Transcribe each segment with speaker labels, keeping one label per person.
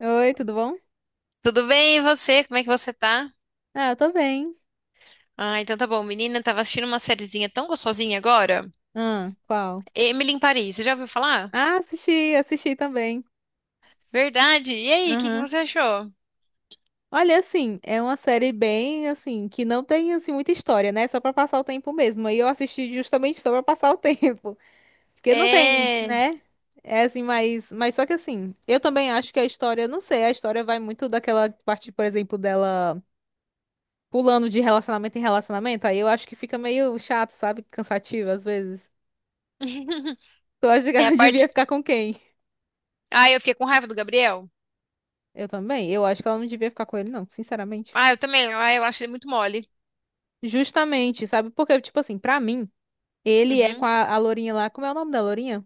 Speaker 1: Oi, tudo bom?
Speaker 2: Tudo bem, e você? Como é que você tá?
Speaker 1: Ah, eu tô bem.
Speaker 2: Ah, então tá bom. Menina, tava assistindo uma sériezinha tão gostosinha agora.
Speaker 1: Ah, qual?
Speaker 2: Emily em Paris, você já ouviu falar?
Speaker 1: Ah, assisti, assisti também.
Speaker 2: Verdade. E aí, o que que
Speaker 1: Aham.
Speaker 2: você achou?
Speaker 1: Olha, assim, é uma série bem, assim, que não tem, assim, muita história, né? Só pra passar o tempo mesmo. Aí eu assisti justamente só pra passar o tempo. Porque não tem,
Speaker 2: É.
Speaker 1: né? É assim, mas só que assim, eu também acho que a história, não sei, a história vai muito daquela parte, por exemplo, dela pulando de relacionamento em relacionamento. Aí eu acho que fica meio chato, sabe? Cansativo às vezes. Tu acha que
Speaker 2: É a
Speaker 1: ela
Speaker 2: parte.
Speaker 1: devia ficar com quem?
Speaker 2: Ah, eu fiquei com raiva do Gabriel.
Speaker 1: Eu também. Eu acho que ela não devia ficar com ele, não, sinceramente.
Speaker 2: Ah, eu também. Ah, eu acho ele muito mole.
Speaker 1: Justamente, sabe? Porque, tipo assim, pra mim, ele é com
Speaker 2: Uhum.
Speaker 1: a Lourinha lá. Como é o nome da Lourinha?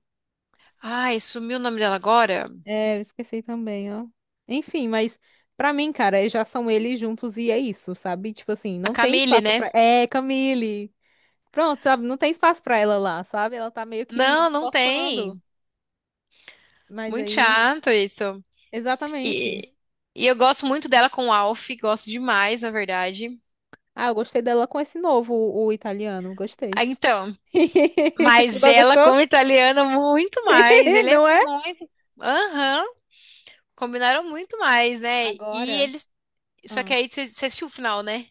Speaker 2: Ai, sumiu o nome dela agora?
Speaker 1: É, eu esqueci também, ó. Enfim, mas pra mim, cara, já são eles juntos e é isso, sabe? Tipo assim,
Speaker 2: A
Speaker 1: não tem
Speaker 2: Camille,
Speaker 1: espaço
Speaker 2: né?
Speaker 1: pra. É, Camille! Pronto, sabe? Não tem espaço pra ela lá, sabe? Ela tá meio
Speaker 2: Não,
Speaker 1: que
Speaker 2: não
Speaker 1: forçando.
Speaker 2: tem.
Speaker 1: Mas
Speaker 2: Muito
Speaker 1: aí,
Speaker 2: chato isso.
Speaker 1: exatamente.
Speaker 2: E, e eu gosto muito dela com o Alf, gosto demais, na verdade.
Speaker 1: Ah, eu gostei dela com esse novo, o italiano. Gostei.
Speaker 2: Ah, então,
Speaker 1: Tu
Speaker 2: mas
Speaker 1: não
Speaker 2: ela,
Speaker 1: gostou?
Speaker 2: como italiana, muito mais. Ele é
Speaker 1: Não é?
Speaker 2: muito. Aham, combinaram muito mais, né? E
Speaker 1: Agora.
Speaker 2: eles. Só que aí você assistiu o final, né?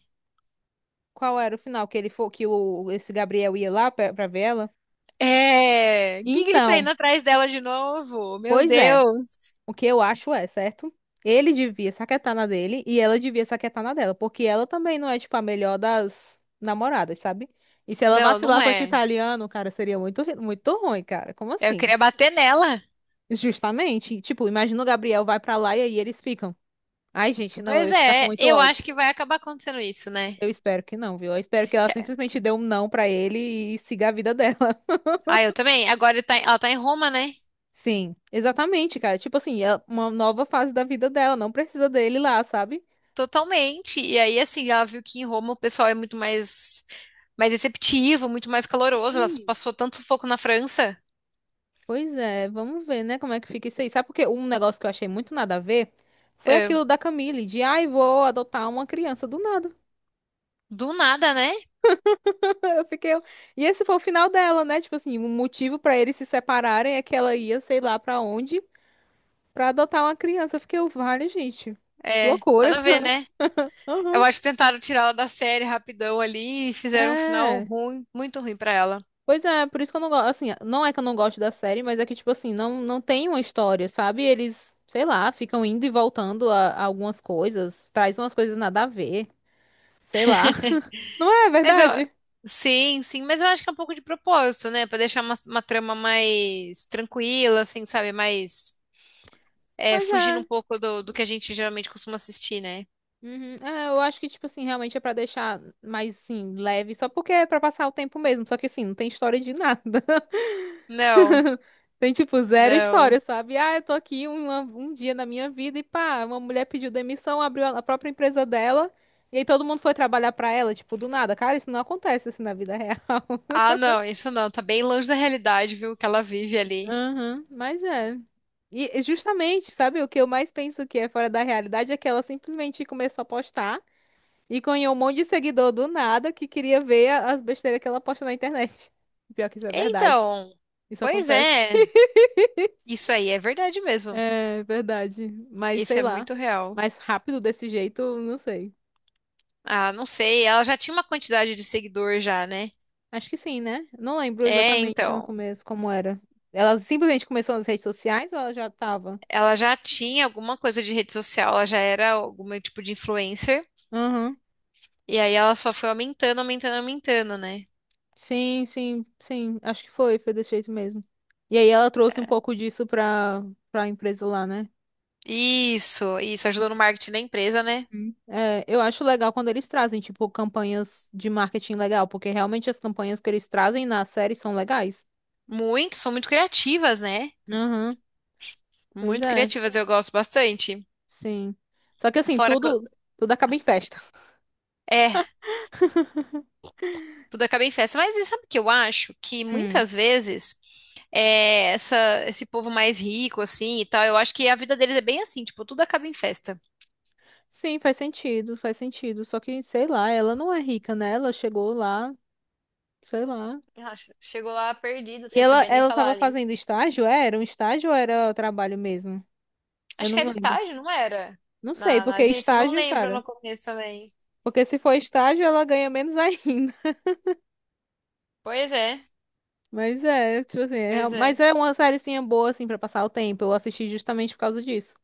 Speaker 1: Qual era o final que ele for que o esse Gabriel ia lá pra ver ela?
Speaker 2: É. O que que ele tá
Speaker 1: Então,
Speaker 2: indo atrás dela de novo? Meu
Speaker 1: pois é.
Speaker 2: Deus.
Speaker 1: O que eu acho é, certo? Ele devia saquetar na dele e ela devia saquetar na dela, porque ela também não é tipo a melhor das namoradas, sabe? E se ela
Speaker 2: Não, não
Speaker 1: vacilar com esse
Speaker 2: é.
Speaker 1: italiano, cara, seria muito ruim, cara. Como
Speaker 2: Eu
Speaker 1: assim?
Speaker 2: queria bater nela.
Speaker 1: Justamente, tipo, imagina o Gabriel vai pra lá e aí eles ficam. Ai, gente, não, eu
Speaker 2: Pois
Speaker 1: ia ficar com
Speaker 2: é,
Speaker 1: muito
Speaker 2: eu acho
Speaker 1: ódio.
Speaker 2: que vai acabar acontecendo isso, né?
Speaker 1: Eu espero que não, viu? Eu espero que ela
Speaker 2: É.
Speaker 1: simplesmente dê um não pra ele e siga a vida dela.
Speaker 2: Ah, eu também. Agora ele tá em- ela tá em Roma, né?
Speaker 1: Sim, exatamente, cara. Tipo assim, é uma nova fase da vida dela, não precisa dele lá, sabe?
Speaker 2: Totalmente. E aí, assim, ela viu que em Roma o pessoal é muito mais, mais receptivo, muito mais caloroso. Ela
Speaker 1: Sim.
Speaker 2: passou tanto sufoco na França.
Speaker 1: Pois é, vamos ver, né, como é que fica isso aí. Sabe porque um negócio que eu achei muito nada a ver foi
Speaker 2: É,
Speaker 1: aquilo da Camille, de ai, vou adotar uma criança do nada.
Speaker 2: do nada, né?
Speaker 1: Eu fiquei. E esse foi o final dela, né? Tipo assim, o motivo pra eles se separarem é que ela ia, sei lá pra onde, pra adotar uma criança. Eu fiquei, vale, gente.
Speaker 2: É, nada
Speaker 1: Loucura.
Speaker 2: a ver, né? Eu
Speaker 1: Aham.
Speaker 2: acho que tentaram tirar ela da série rapidão ali e fizeram um final
Speaker 1: É.
Speaker 2: ruim, muito ruim pra ela.
Speaker 1: Pois é, por isso que eu não gosto, assim, não é que eu não gosto da série, mas é que, tipo assim, não, não tem uma história, sabe? Eles, sei lá, ficam indo e voltando a algumas coisas, traz umas coisas nada a ver, sei lá. Não é
Speaker 2: Mas eu,
Speaker 1: verdade?
Speaker 2: sim, sim, mas eu acho que é um pouco de propósito, né? Pra deixar uma trama mais tranquila, assim, sabe? Mais, é,
Speaker 1: Pois
Speaker 2: fugindo
Speaker 1: é.
Speaker 2: um pouco do que a gente geralmente costuma assistir, né?
Speaker 1: Uhum. É, eu acho que, tipo assim, realmente é pra deixar mais, assim, leve, só porque é pra passar o tempo mesmo, só que, assim, não tem história de nada.
Speaker 2: Não,
Speaker 1: Tem, tipo, zero
Speaker 2: não.
Speaker 1: história, sabe? Ah, eu tô aqui um dia na minha vida e pá, uma mulher pediu demissão, abriu a própria empresa dela e aí todo mundo foi trabalhar pra ela, tipo, do nada. Cara, isso não acontece assim na vida real.
Speaker 2: Ah, não, isso não. Tá bem longe da realidade, viu? Que ela vive ali.
Speaker 1: Aham, mas é. E justamente, sabe, o que eu mais penso que é fora da realidade é que ela simplesmente começou a postar e ganhou um monte de seguidor do nada que queria ver as besteiras que ela posta na internet. Pior que isso é verdade.
Speaker 2: Então,
Speaker 1: Isso
Speaker 2: pois
Speaker 1: acontece.
Speaker 2: é. Isso aí é verdade mesmo.
Speaker 1: É verdade. Mas
Speaker 2: Isso
Speaker 1: sei
Speaker 2: é
Speaker 1: lá.
Speaker 2: muito real.
Speaker 1: Mais rápido desse jeito, não sei.
Speaker 2: Ah, não sei, ela já tinha uma quantidade de seguidor já, né?
Speaker 1: Acho que sim, né? Não lembro
Speaker 2: É,
Speaker 1: exatamente no
Speaker 2: então,
Speaker 1: começo como era. Ela simplesmente começou nas redes sociais ou ela já tava?
Speaker 2: ela já tinha alguma coisa de rede social, ela já era algum tipo de influencer,
Speaker 1: Aham.
Speaker 2: e aí ela só foi aumentando, aumentando, aumentando, né?
Speaker 1: Sim, sim, sim. Acho que foi, foi desse jeito mesmo. E aí ela trouxe um pouco disso pra, pra empresa lá, né?
Speaker 2: Isso ajudou no marketing da empresa, né?
Speaker 1: Hum. É, eu acho legal quando eles trazem, tipo, campanhas de marketing legal, porque realmente as campanhas que eles trazem na série são legais.
Speaker 2: Muito, são muito criativas, né?
Speaker 1: Aham, pois
Speaker 2: Muito
Speaker 1: é.
Speaker 2: criativas, eu gosto bastante.
Speaker 1: Sim. Só que assim,
Speaker 2: Fora que eu-
Speaker 1: tudo, tudo acaba em festa.
Speaker 2: é, tudo acaba em festa, mas e sabe o que eu acho? Que
Speaker 1: Hum.
Speaker 2: muitas vezes é, essa, esse povo mais rico, assim, e tal, eu acho que a vida deles é bem assim, tipo, tudo acaba em festa.
Speaker 1: Sim, faz sentido, faz sentido. Só que, sei lá, ela não é rica, né? Ela chegou lá, sei lá.
Speaker 2: Nossa, chegou lá perdida,
Speaker 1: E
Speaker 2: sem
Speaker 1: ela,
Speaker 2: saber nem
Speaker 1: ela
Speaker 2: falar
Speaker 1: tava
Speaker 2: ali.
Speaker 1: fazendo estágio? É, era um estágio ou era trabalho mesmo? Eu
Speaker 2: Acho
Speaker 1: não
Speaker 2: que era
Speaker 1: lembro.
Speaker 2: estágio, não era?
Speaker 1: Não sei,
Speaker 2: Na, na
Speaker 1: porque
Speaker 2: agência, eu não
Speaker 1: estágio,
Speaker 2: lembro
Speaker 1: cara.
Speaker 2: no começo também.
Speaker 1: Porque se for estágio, ela ganha menos ainda.
Speaker 2: Pois é,
Speaker 1: Mas é, tipo assim,
Speaker 2: pois
Speaker 1: mas
Speaker 2: é.
Speaker 1: é uma sériezinha boa, assim, pra passar o tempo. Eu assisti justamente por causa disso.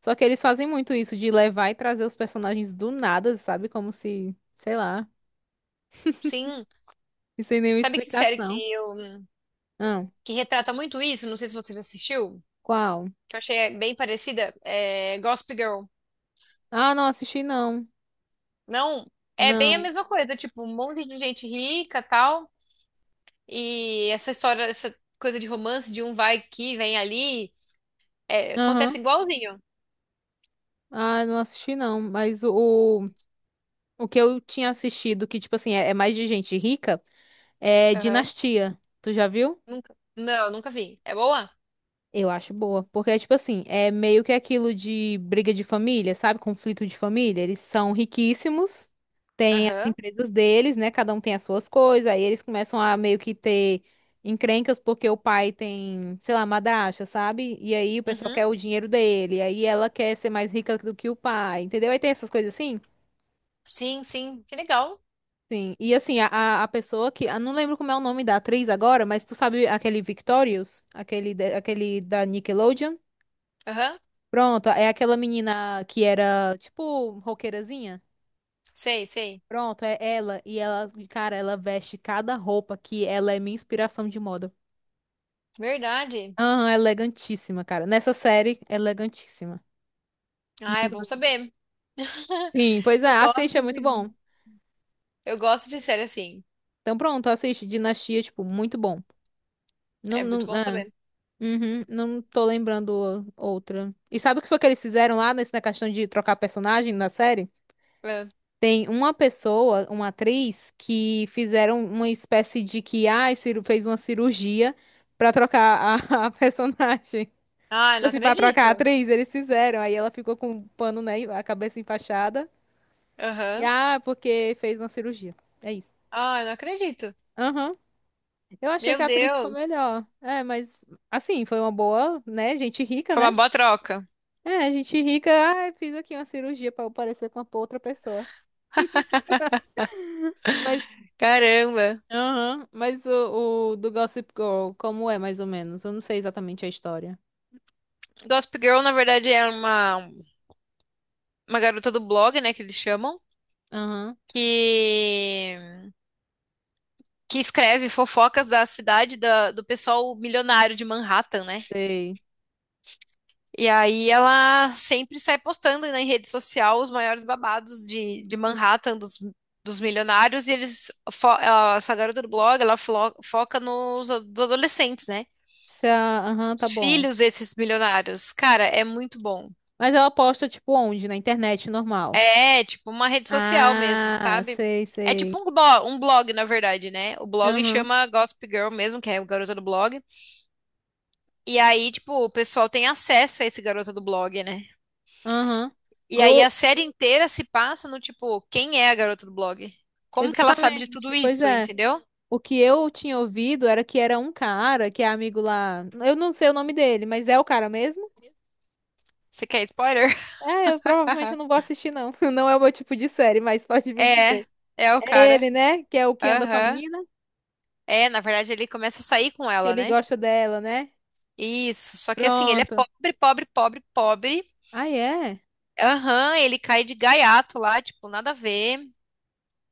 Speaker 1: Só que eles fazem muito isso, de levar e trazer os personagens do nada, sabe? Como se, sei lá.
Speaker 2: Sim.
Speaker 1: E sem nenhuma
Speaker 2: Sabe que série que
Speaker 1: explicação.
Speaker 2: eu
Speaker 1: Ah,
Speaker 2: que retrata muito isso? Não sei se você já assistiu,
Speaker 1: qual?
Speaker 2: que eu achei bem parecida. É Gossip Girl.
Speaker 1: Ah, não assisti não.
Speaker 2: Não, é bem a
Speaker 1: Não.
Speaker 2: mesma coisa, tipo, um monte de gente rica, tal, e essa história, essa coisa de romance de um vai aqui, vem ali, é, acontece
Speaker 1: Aham.
Speaker 2: igualzinho.
Speaker 1: Ah, não assisti não. Mas o o que eu tinha assistido, que, tipo assim, é mais de gente rica, é
Speaker 2: Aham.
Speaker 1: Dinastia. Tu já viu?
Speaker 2: Nunca. Não, nunca vi. É boa?
Speaker 1: Eu acho boa. Porque é tipo assim, é meio que aquilo de briga de família, sabe? Conflito de família. Eles são riquíssimos.
Speaker 2: Aham.
Speaker 1: Coisas deles, né? Cada um tem as suas coisas, aí eles começam a meio que ter encrencas porque o pai tem, sei lá, madrasta, sabe? E aí o pessoal quer
Speaker 2: Uhum.
Speaker 1: o dinheiro dele, aí ela quer ser mais rica do que o pai, entendeu? Aí tem essas coisas assim.
Speaker 2: Sim, sim, que legal.
Speaker 1: Sim, e assim, a a pessoa que. Eu não lembro como é o nome da atriz agora, mas tu sabe aquele Victorious? Aquele, aquele da Nickelodeon?
Speaker 2: Aham,
Speaker 1: Pronto, é aquela menina que era, tipo, roqueirazinha.
Speaker 2: sei, sei.
Speaker 1: Pronto, é ela. E ela, cara, ela veste cada roupa que ela é minha inspiração de moda.
Speaker 2: Verdade.
Speaker 1: Aham, elegantíssima, cara. Nessa série, elegantíssima.
Speaker 2: Ah, é
Speaker 1: Muito-
Speaker 2: bom saber.
Speaker 1: Sim, pois é,
Speaker 2: Eu
Speaker 1: assiste, é
Speaker 2: gosto
Speaker 1: muito
Speaker 2: de,
Speaker 1: bom.
Speaker 2: eu gosto de série assim.
Speaker 1: Então pronto, assiste Dinastia, tipo, muito bom. Não,
Speaker 2: É muito
Speaker 1: não,
Speaker 2: bom
Speaker 1: é.
Speaker 2: saber.
Speaker 1: Uhum, não tô lembrando outra. E sabe o que foi que eles fizeram lá nesse, na questão de trocar personagem na série?
Speaker 2: É.
Speaker 1: Tem uma pessoa, uma atriz, que fizeram uma espécie de que, ah, fez uma cirurgia pra trocar a, a personagem.
Speaker 2: Ah, eu não
Speaker 1: Assim, pra trocar a
Speaker 2: acredito.
Speaker 1: atriz, eles fizeram. Aí ela ficou com um pano, né, a cabeça enfaixada. E,
Speaker 2: Aham.
Speaker 1: ah, porque fez uma cirurgia. É isso.
Speaker 2: Ah, eu não acredito.
Speaker 1: Aham. Eu achei que
Speaker 2: Meu
Speaker 1: a atriz ficou
Speaker 2: Deus.
Speaker 1: melhor. É, mas assim, foi uma boa, né? Gente rica,
Speaker 2: Foi
Speaker 1: né?
Speaker 2: uma boa troca.
Speaker 1: É, gente rica, ah, fiz aqui uma cirurgia pra eu parecer com uma outra pessoa. Mas,
Speaker 2: Caramba.
Speaker 1: aham, mas o do Gossip Girl, como é mais ou menos? Eu não sei exatamente a história.
Speaker 2: Gossip Girl, na verdade, é uma garota do blog, né, que eles chamam,
Speaker 1: Aham,
Speaker 2: que, que escreve fofocas da cidade da, do pessoal milionário de Manhattan, né?
Speaker 1: sei.
Speaker 2: E aí ela sempre sai postando na rede social os maiores babados de Manhattan, dos, dos milionários, e eles, fo- ela- essa garota do blog, ela flo- foca nos a- dos adolescentes, né?
Speaker 1: Se a- Aham, tá
Speaker 2: Os
Speaker 1: bom.
Speaker 2: filhos desses milionários. Cara, é muito bom.
Speaker 1: Mas ela posta, tipo, onde? Na internet normal.
Speaker 2: É, tipo uma rede social mesmo,
Speaker 1: Ah,
Speaker 2: sabe?
Speaker 1: sei,
Speaker 2: É tipo
Speaker 1: sei.
Speaker 2: um blog, na verdade, né? O blog
Speaker 1: Aham,
Speaker 2: chama Gossip Girl mesmo, que é o garota do blog. E aí, tipo, o pessoal tem acesso a esse garota do blog, né?
Speaker 1: aham.
Speaker 2: E aí
Speaker 1: Eu,
Speaker 2: a série inteira se passa no tipo, quem é a garota do blog? Como que ela sabe de tudo
Speaker 1: exatamente, pois
Speaker 2: isso,
Speaker 1: é.
Speaker 2: entendeu?
Speaker 1: O que eu tinha ouvido era que era um cara que é amigo lá. Eu não sei o nome dele, mas é o cara mesmo?
Speaker 2: Você quer spoiler?
Speaker 1: É, eu provavelmente eu
Speaker 2: Haha.
Speaker 1: não vou assistir, não. Não é o meu tipo de série, mas pode me
Speaker 2: É,
Speaker 1: dizer.
Speaker 2: é o
Speaker 1: É
Speaker 2: cara.
Speaker 1: ele, né? Que é o que anda com a
Speaker 2: Aham.
Speaker 1: menina,
Speaker 2: É, na verdade ele começa a sair com
Speaker 1: que
Speaker 2: ela,
Speaker 1: ele
Speaker 2: né?
Speaker 1: gosta dela, né?
Speaker 2: Isso, só que assim, ele é
Speaker 1: Pronto.
Speaker 2: pobre, pobre, pobre, pobre.
Speaker 1: Ah, é?
Speaker 2: Aham, ele cai de gaiato lá, tipo, nada a ver.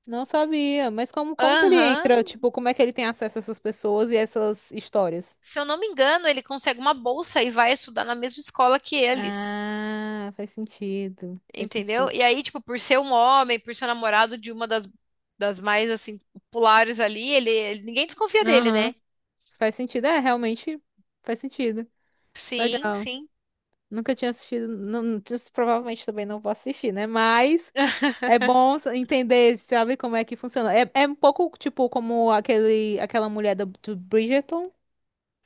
Speaker 1: Não sabia. Mas como, como que ele entra?
Speaker 2: Aham.
Speaker 1: Tipo, como é que ele tem acesso a essas pessoas e essas histórias?
Speaker 2: Se eu não me engano, ele consegue uma bolsa e vai estudar na mesma escola que eles.
Speaker 1: Ah, faz sentido. Faz
Speaker 2: Entendeu?
Speaker 1: sentido.
Speaker 2: E aí, tipo, por ser um homem, por ser namorado de uma das, das mais, assim, populares ali, ele- ninguém desconfia dele,
Speaker 1: Aham.
Speaker 2: né?
Speaker 1: Faz sentido. É, realmente faz sentido.
Speaker 2: Sim,
Speaker 1: Legal.
Speaker 2: sim,
Speaker 1: Nunca tinha assistido, não. Provavelmente também não vou assistir, né? Mas é bom entender, sabe, como é que funciona. É, é um pouco tipo como aquele, aquela mulher do Bridgerton,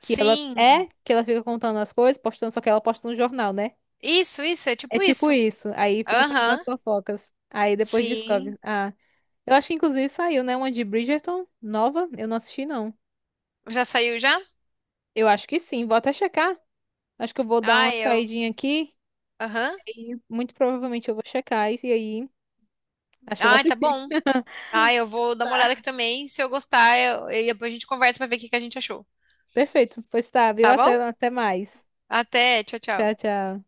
Speaker 1: que ela é, que ela fica contando as coisas, postando, só que ela posta no jornal, né?
Speaker 2: Isso, é
Speaker 1: É
Speaker 2: tipo
Speaker 1: tipo
Speaker 2: isso.
Speaker 1: isso. Aí fica fazendo as
Speaker 2: Aham,
Speaker 1: fofocas. Aí depois descobre.
Speaker 2: sim.
Speaker 1: Ah, eu acho que inclusive saiu, né? Uma de Bridgerton nova. Eu não assisti, não.
Speaker 2: Já saiu já?
Speaker 1: Eu acho que sim, vou até checar. Acho que eu vou dar
Speaker 2: Ah,
Speaker 1: uma
Speaker 2: eu.
Speaker 1: saidinha aqui.
Speaker 2: Aham.
Speaker 1: E muito provavelmente eu vou checar. E aí. Acho que eu vou
Speaker 2: Ah, tá
Speaker 1: assistir.
Speaker 2: bom. Ah, eu vou dar uma olhada aqui
Speaker 1: Tá.
Speaker 2: também. Se eu gostar, eu, e depois a gente conversa pra ver o que que a gente achou.
Speaker 1: Perfeito. Pois tá, viu?
Speaker 2: Tá
Speaker 1: Até,
Speaker 2: bom?
Speaker 1: até mais.
Speaker 2: Até, tchau,
Speaker 1: Tchau,
Speaker 2: tchau.
Speaker 1: tchau.